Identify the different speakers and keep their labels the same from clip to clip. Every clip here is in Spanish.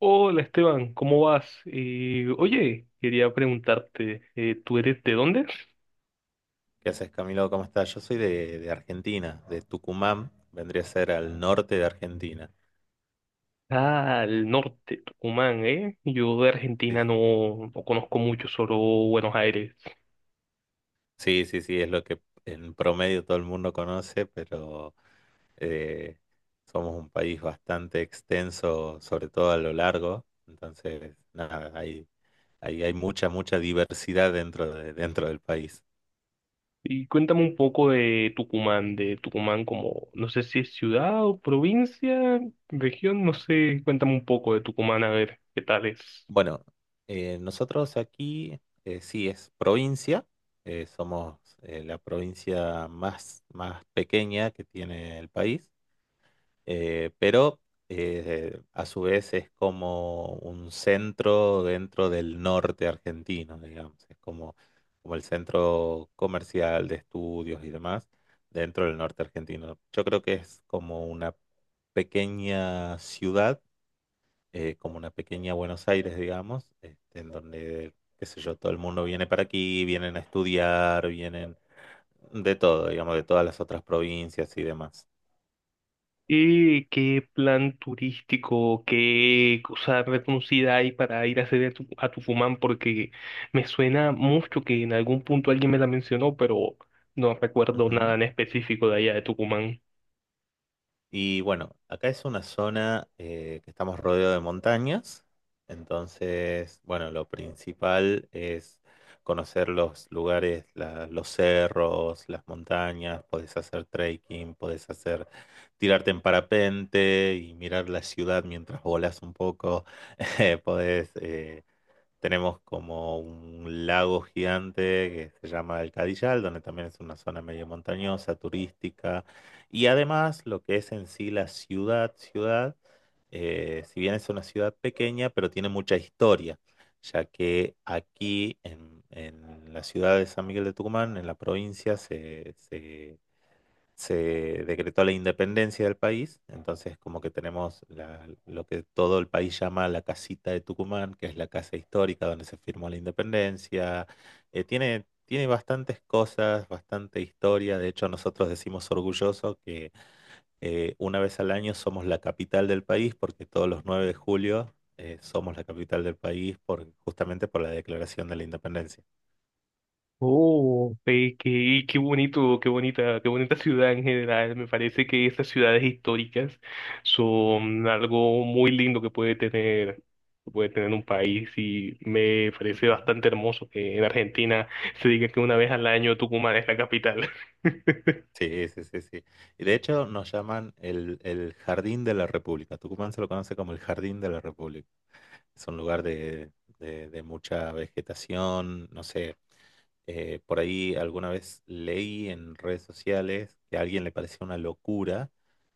Speaker 1: Hola Esteban, ¿cómo vas? Oye, quería preguntarte, ¿tú eres de dónde?
Speaker 2: ¿Qué haces, Camilo? ¿Cómo estás? Yo soy de Argentina, de Tucumán, vendría a ser al norte de Argentina.
Speaker 1: Ah, al norte, Tucumán, ¿eh? Yo de
Speaker 2: Sí,
Speaker 1: Argentina
Speaker 2: sí.
Speaker 1: no, no conozco mucho, solo Buenos Aires.
Speaker 2: Sí, sí, sí, es lo que en promedio todo el mundo conoce, pero eh, somos un país bastante extenso, sobre todo a lo largo. Entonces, nada, hay mucha diversidad dentro del país.
Speaker 1: Y cuéntame un poco de Tucumán como, no sé si es ciudad o provincia, región, no sé, cuéntame un poco de Tucumán, a ver, ¿qué tal es?
Speaker 2: Bueno, nosotros aquí sí es provincia, somos la provincia más pequeña que tiene el país, pero a su vez es como un centro dentro del norte argentino, digamos, como el centro comercial de estudios y demás dentro del norte argentino. Yo creo que es como una pequeña ciudad como una pequeña Buenos Aires, digamos, este, en donde, qué sé yo, todo el mundo viene para aquí, vienen a estudiar, vienen de todo, digamos, de todas las otras provincias y demás.
Speaker 1: ¿Y qué plan turístico, qué cosa reconocida hay para ir a hacer a Tucumán? Porque me suena mucho que en algún punto alguien me la mencionó, pero no recuerdo
Speaker 2: Ujú.
Speaker 1: nada en específico de allá de Tucumán.
Speaker 2: Y bueno, acá es una zona que estamos rodeados de montañas, entonces, bueno, lo principal es conocer los lugares, los cerros, las montañas, podés hacer trekking, podés hacer, tirarte en parapente y mirar la ciudad mientras volás un poco, podés, tenemos como un lago gigante que se llama el Cadillal, donde también es una zona medio montañosa, turística. Y además, lo que es en sí ciudad, si bien es una ciudad pequeña, pero tiene mucha historia, ya que aquí en la ciudad de San Miguel de Tucumán, en la provincia, se decretó la independencia del país, entonces como que tenemos lo que todo el país llama la casita de Tucumán, que es la casa histórica donde se firmó la independencia. Tiene bastantes cosas, bastante historia, de hecho nosotros decimos orgulloso que una vez al año somos la capital del país porque todos los 9 de julio somos la capital del país justamente por la declaración de la independencia.
Speaker 1: Oh, ve qué, qué bonito, qué bonita ciudad en general. Me parece que estas ciudades históricas son algo muy lindo que puede tener un país, y me parece
Speaker 2: Ujú.
Speaker 1: bastante hermoso que en Argentina se diga que una vez al año Tucumán es la capital.
Speaker 2: Sí, sí, sí, sí. Y de hecho nos llaman el Jardín de la República. Tucumán se lo conoce como el Jardín de la República. Es un lugar de, de mucha vegetación, no sé. Eh, por ahí alguna vez leí en redes sociales que a alguien le parecía una locura,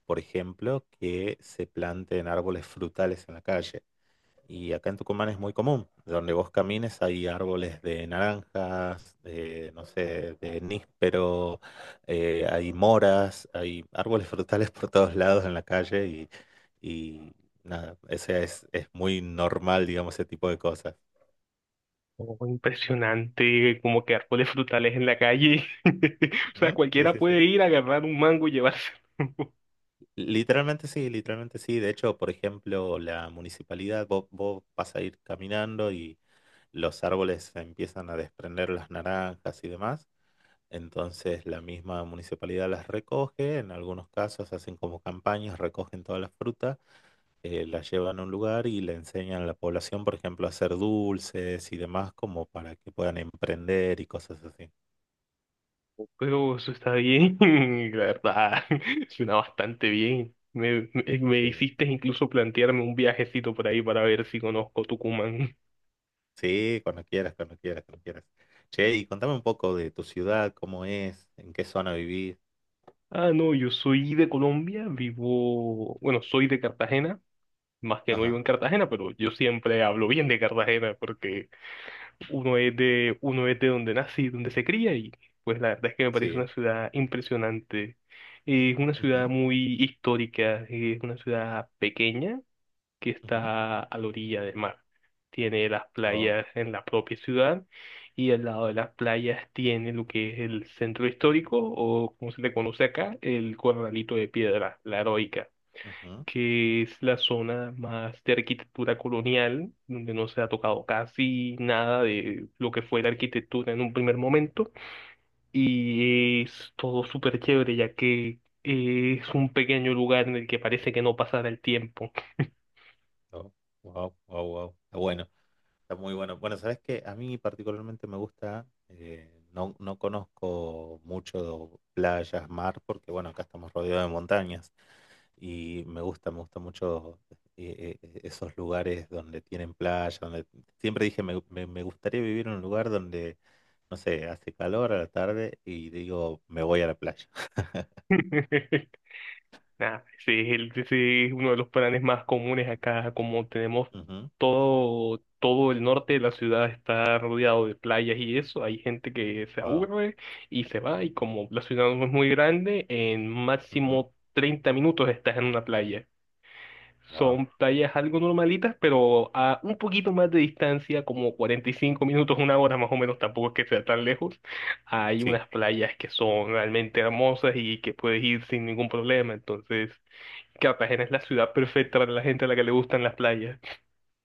Speaker 2: por ejemplo, que se planten árboles frutales en la calle. Y acá en Tucumán es muy común. Donde vos camines hay árboles de naranjas, de, no sé, de níspero, hay moras, hay árboles frutales por todos lados en la calle y nada, es muy normal, digamos, ese tipo de cosas.
Speaker 1: Oh, impresionante, como que árboles frutales en la calle. O sea,
Speaker 2: Ujú, sí,
Speaker 1: cualquiera
Speaker 2: sí, sí.
Speaker 1: puede ir a agarrar un mango y llevárselo.
Speaker 2: Literalmente sí, literalmente sí. De hecho, por ejemplo, la municipalidad, vos vas a ir caminando y los árboles empiezan a desprender las naranjas y demás. Entonces la misma municipalidad las recoge, en algunos casos hacen como campañas, recogen toda la fruta, la llevan a un lugar y le enseñan a la población, por ejemplo, a hacer dulces y demás, como para que puedan emprender y cosas así.
Speaker 1: Pero eso está bien, la verdad, suena bastante bien. Me
Speaker 2: Sí,
Speaker 1: hiciste incluso plantearme un viajecito por ahí para ver si conozco Tucumán.
Speaker 2: sí, cuando quieras, cuando quieras, cuando quieras. Che, y contame un poco de tu ciudad, cómo es, en qué zona vivís.
Speaker 1: Ah, no, yo soy de Colombia, vivo, bueno, soy de Cartagena, más que no vivo
Speaker 2: Ajá,
Speaker 1: en Cartagena, pero yo siempre hablo bien de Cartagena porque uno es de donde nace y donde se cría, y pues la verdad es que me parece una
Speaker 2: sí.
Speaker 1: ciudad impresionante. Es una ciudad
Speaker 2: Ujú,
Speaker 1: muy histórica, es una ciudad pequeña que
Speaker 2: ujú.
Speaker 1: está a la orilla del mar. Tiene las
Speaker 2: Oh,
Speaker 1: playas en la propia ciudad, y al lado de las playas tiene lo que es el centro histórico, o como se le conoce acá, el Corralito de Piedra, la Heroica,
Speaker 2: ujú,
Speaker 1: que es la zona más de arquitectura colonial, donde no se ha tocado casi nada de lo que fue la arquitectura en un primer momento. Y es todo súper chévere, ya que es un pequeño lugar en el que parece que no pasará el tiempo.
Speaker 2: oh, wow, wow, wow. Está bueno. Está muy bueno. Bueno, sabes que a mí particularmente me gusta, no, no conozco mucho playas, mar, porque bueno, acá estamos rodeados de montañas y me gusta mucho esos lugares donde tienen playa, donde siempre dije me gustaría vivir en un lugar donde, no sé, hace calor a la tarde y digo, me voy a la playa.
Speaker 1: Nah, ese es uno de los planes más comunes acá, como tenemos
Speaker 2: Ujú,
Speaker 1: todo, todo el norte de la ciudad está rodeado de playas, y eso, hay gente que se
Speaker 2: wow.
Speaker 1: aburre y se va, y como la ciudad no es muy grande, en
Speaker 2: Ujú,
Speaker 1: máximo 30 minutos estás en una playa.
Speaker 2: wow.
Speaker 1: Son playas algo normalitas, pero a un poquito más de distancia, como 45 minutos, una hora más o menos, tampoco es que sea tan lejos. Hay
Speaker 2: Sí.
Speaker 1: unas playas que son realmente hermosas y que puedes ir sin ningún problema, entonces, Cartagena es la ciudad perfecta para la gente a la que le gustan las playas.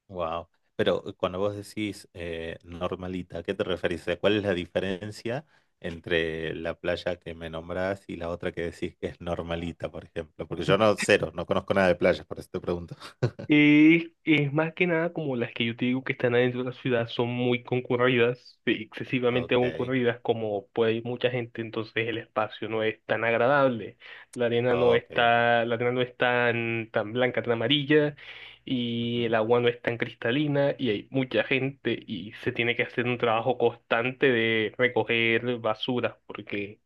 Speaker 2: Wow. Pero cuando vos decís normalita, ¿a qué te referís? O sea, ¿cuál es la diferencia entre la playa que me nombrás y la otra que decís que es normalita, por ejemplo? Porque yo no, cero, no conozco nada de playas, por eso te pregunto.
Speaker 1: Y es más que nada como las que yo te digo que están adentro de la ciudad son muy concurridas, sí, excesivamente
Speaker 2: Ok,
Speaker 1: concurridas, como puede ir mucha gente, entonces el espacio no es tan agradable,
Speaker 2: ok, ok.
Speaker 1: la arena no es tan, tan blanca, tan amarilla, y
Speaker 2: Ujú.
Speaker 1: el agua no es tan cristalina, y hay mucha gente, y se tiene que hacer un trabajo constante de recoger basura, porque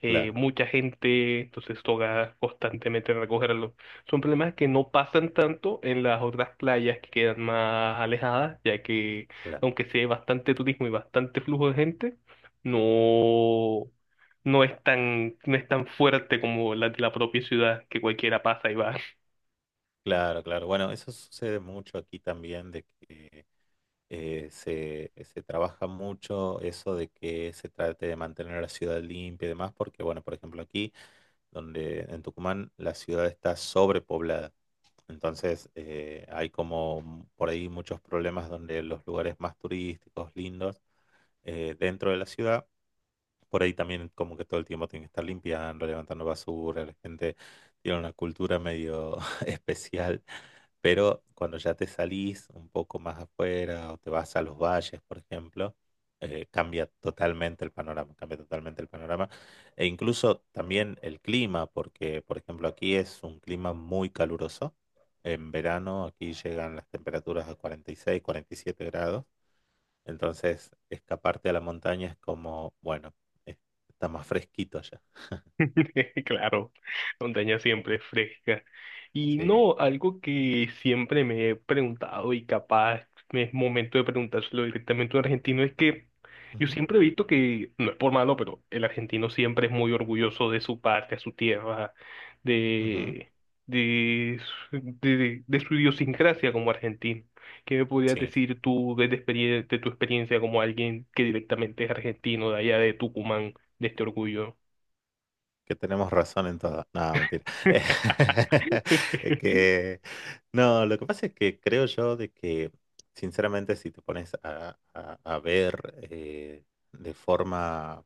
Speaker 2: Claro,
Speaker 1: mucha gente, entonces toca constantemente recogerlo. Son problemas que no pasan tanto en las otras playas que quedan más alejadas, ya que
Speaker 2: claro,
Speaker 1: aunque sí hay bastante turismo y bastante flujo de gente, no, no es tan fuerte como la de la propia ciudad, que cualquiera pasa y va.
Speaker 2: claro, claro. Bueno, eso sucede mucho aquí también de que se trabaja mucho eso de que se trate de mantener la ciudad limpia y demás, porque, bueno, por ejemplo, aquí, donde en Tucumán, la ciudad está sobrepoblada. Entonces, hay como por ahí muchos problemas donde los lugares más turísticos, lindos, dentro de la ciudad, por ahí también como que todo el tiempo tienen que estar limpiando, levantando basura, la gente tiene una cultura medio especial, pero cuando ya te salís un poco más afuera o te vas a los valles, por ejemplo, cambia totalmente el panorama, cambia totalmente el panorama e incluso también el clima, porque por ejemplo aquí es un clima muy caluroso. En verano aquí llegan las temperaturas a 46, 47 grados, entonces, escaparte a la montaña es como, bueno, es- está más fresquito allá.
Speaker 1: Claro, montaña siempre es fresca. Y
Speaker 2: Sí.
Speaker 1: no, algo que siempre me he preguntado, y capaz me es momento de preguntárselo directamente a un argentino, es que yo
Speaker 2: Ujú,
Speaker 1: siempre he visto que, no es por malo, pero el argentino siempre es muy orgulloso de su patria, su tierra,
Speaker 2: ujú.
Speaker 1: de, de, de su idiosincrasia como argentino. ¿Qué me podrías
Speaker 2: Sí,
Speaker 1: decir tú desde de tu experiencia como alguien que directamente es argentino de allá de Tucumán, de este orgullo?
Speaker 2: que tenemos razón en todo. No, mentira. Es que, no, lo que pasa es que creo yo de que, sinceramente, si te pones a ver de forma,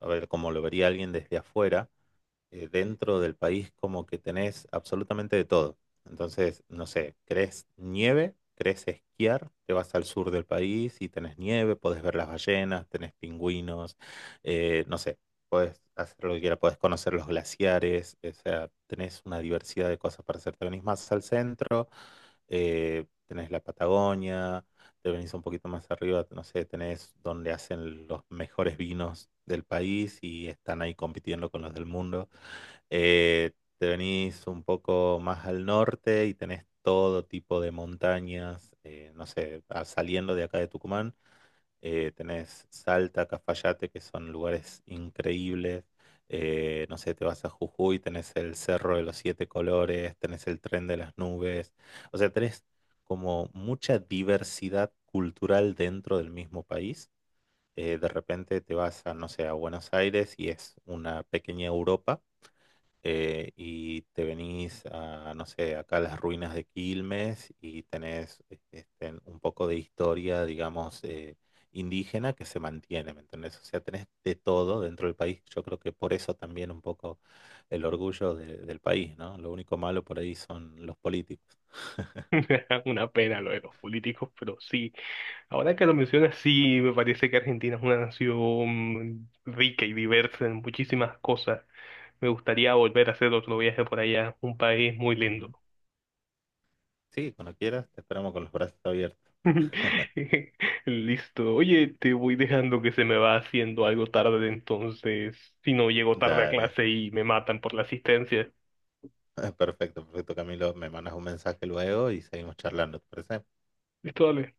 Speaker 2: a ver, como lo vería alguien desde afuera, dentro del país como que tenés absolutamente de todo. Entonces, no sé, querés nieve, querés esquiar, te vas al sur del país y tenés nieve, podés ver las ballenas, tenés pingüinos, no sé, podés hacer lo que quieras, podés conocer los glaciares, o sea, tenés una diversidad de cosas para hacer. Te venís más al centro, tenés la Patagonia, te venís un poquito más arriba, no sé, tenés donde hacen los mejores vinos del país y están ahí compitiendo con los del mundo. Eh, te venís un poco más al norte y tenés todo tipo de montañas, no sé, saliendo de acá de Tucumán, tenés Salta, Cafayate, que son lugares increíbles. No sé, te vas a Jujuy, tenés el Cerro de los Siete Colores, tenés el Tren de las Nubes. O sea, tenés como mucha diversidad cultural dentro del mismo país. De repente te vas a, no sé, a Buenos Aires y es una pequeña Europa y te venís a, no sé, acá a las ruinas de Quilmes y tenés este, un poco de historia, digamos, indígena que se mantiene, ¿me entendés? O sea, tenés de todo dentro del país. Yo creo que por eso también un poco el orgullo del país, ¿no? Lo único malo por ahí son los políticos.
Speaker 1: Una pena lo de los políticos, pero sí. Ahora que lo mencionas, sí, me parece que Argentina es una nación rica y diversa en muchísimas cosas. Me gustaría volver a hacer otro viaje por allá, un país muy lindo.
Speaker 2: Ujú. Sí, cuando quieras, te esperamos con los brazos abiertos.
Speaker 1: Listo. Oye, te voy dejando, que se me va haciendo algo tarde, entonces, si no, llego tarde a
Speaker 2: Dale.
Speaker 1: clase y me matan por la asistencia.
Speaker 2: Perfecto, perfecto, Camilo. Me mandas un mensaje luego y seguimos charlando, ¿te parece?
Speaker 1: Listo, dale.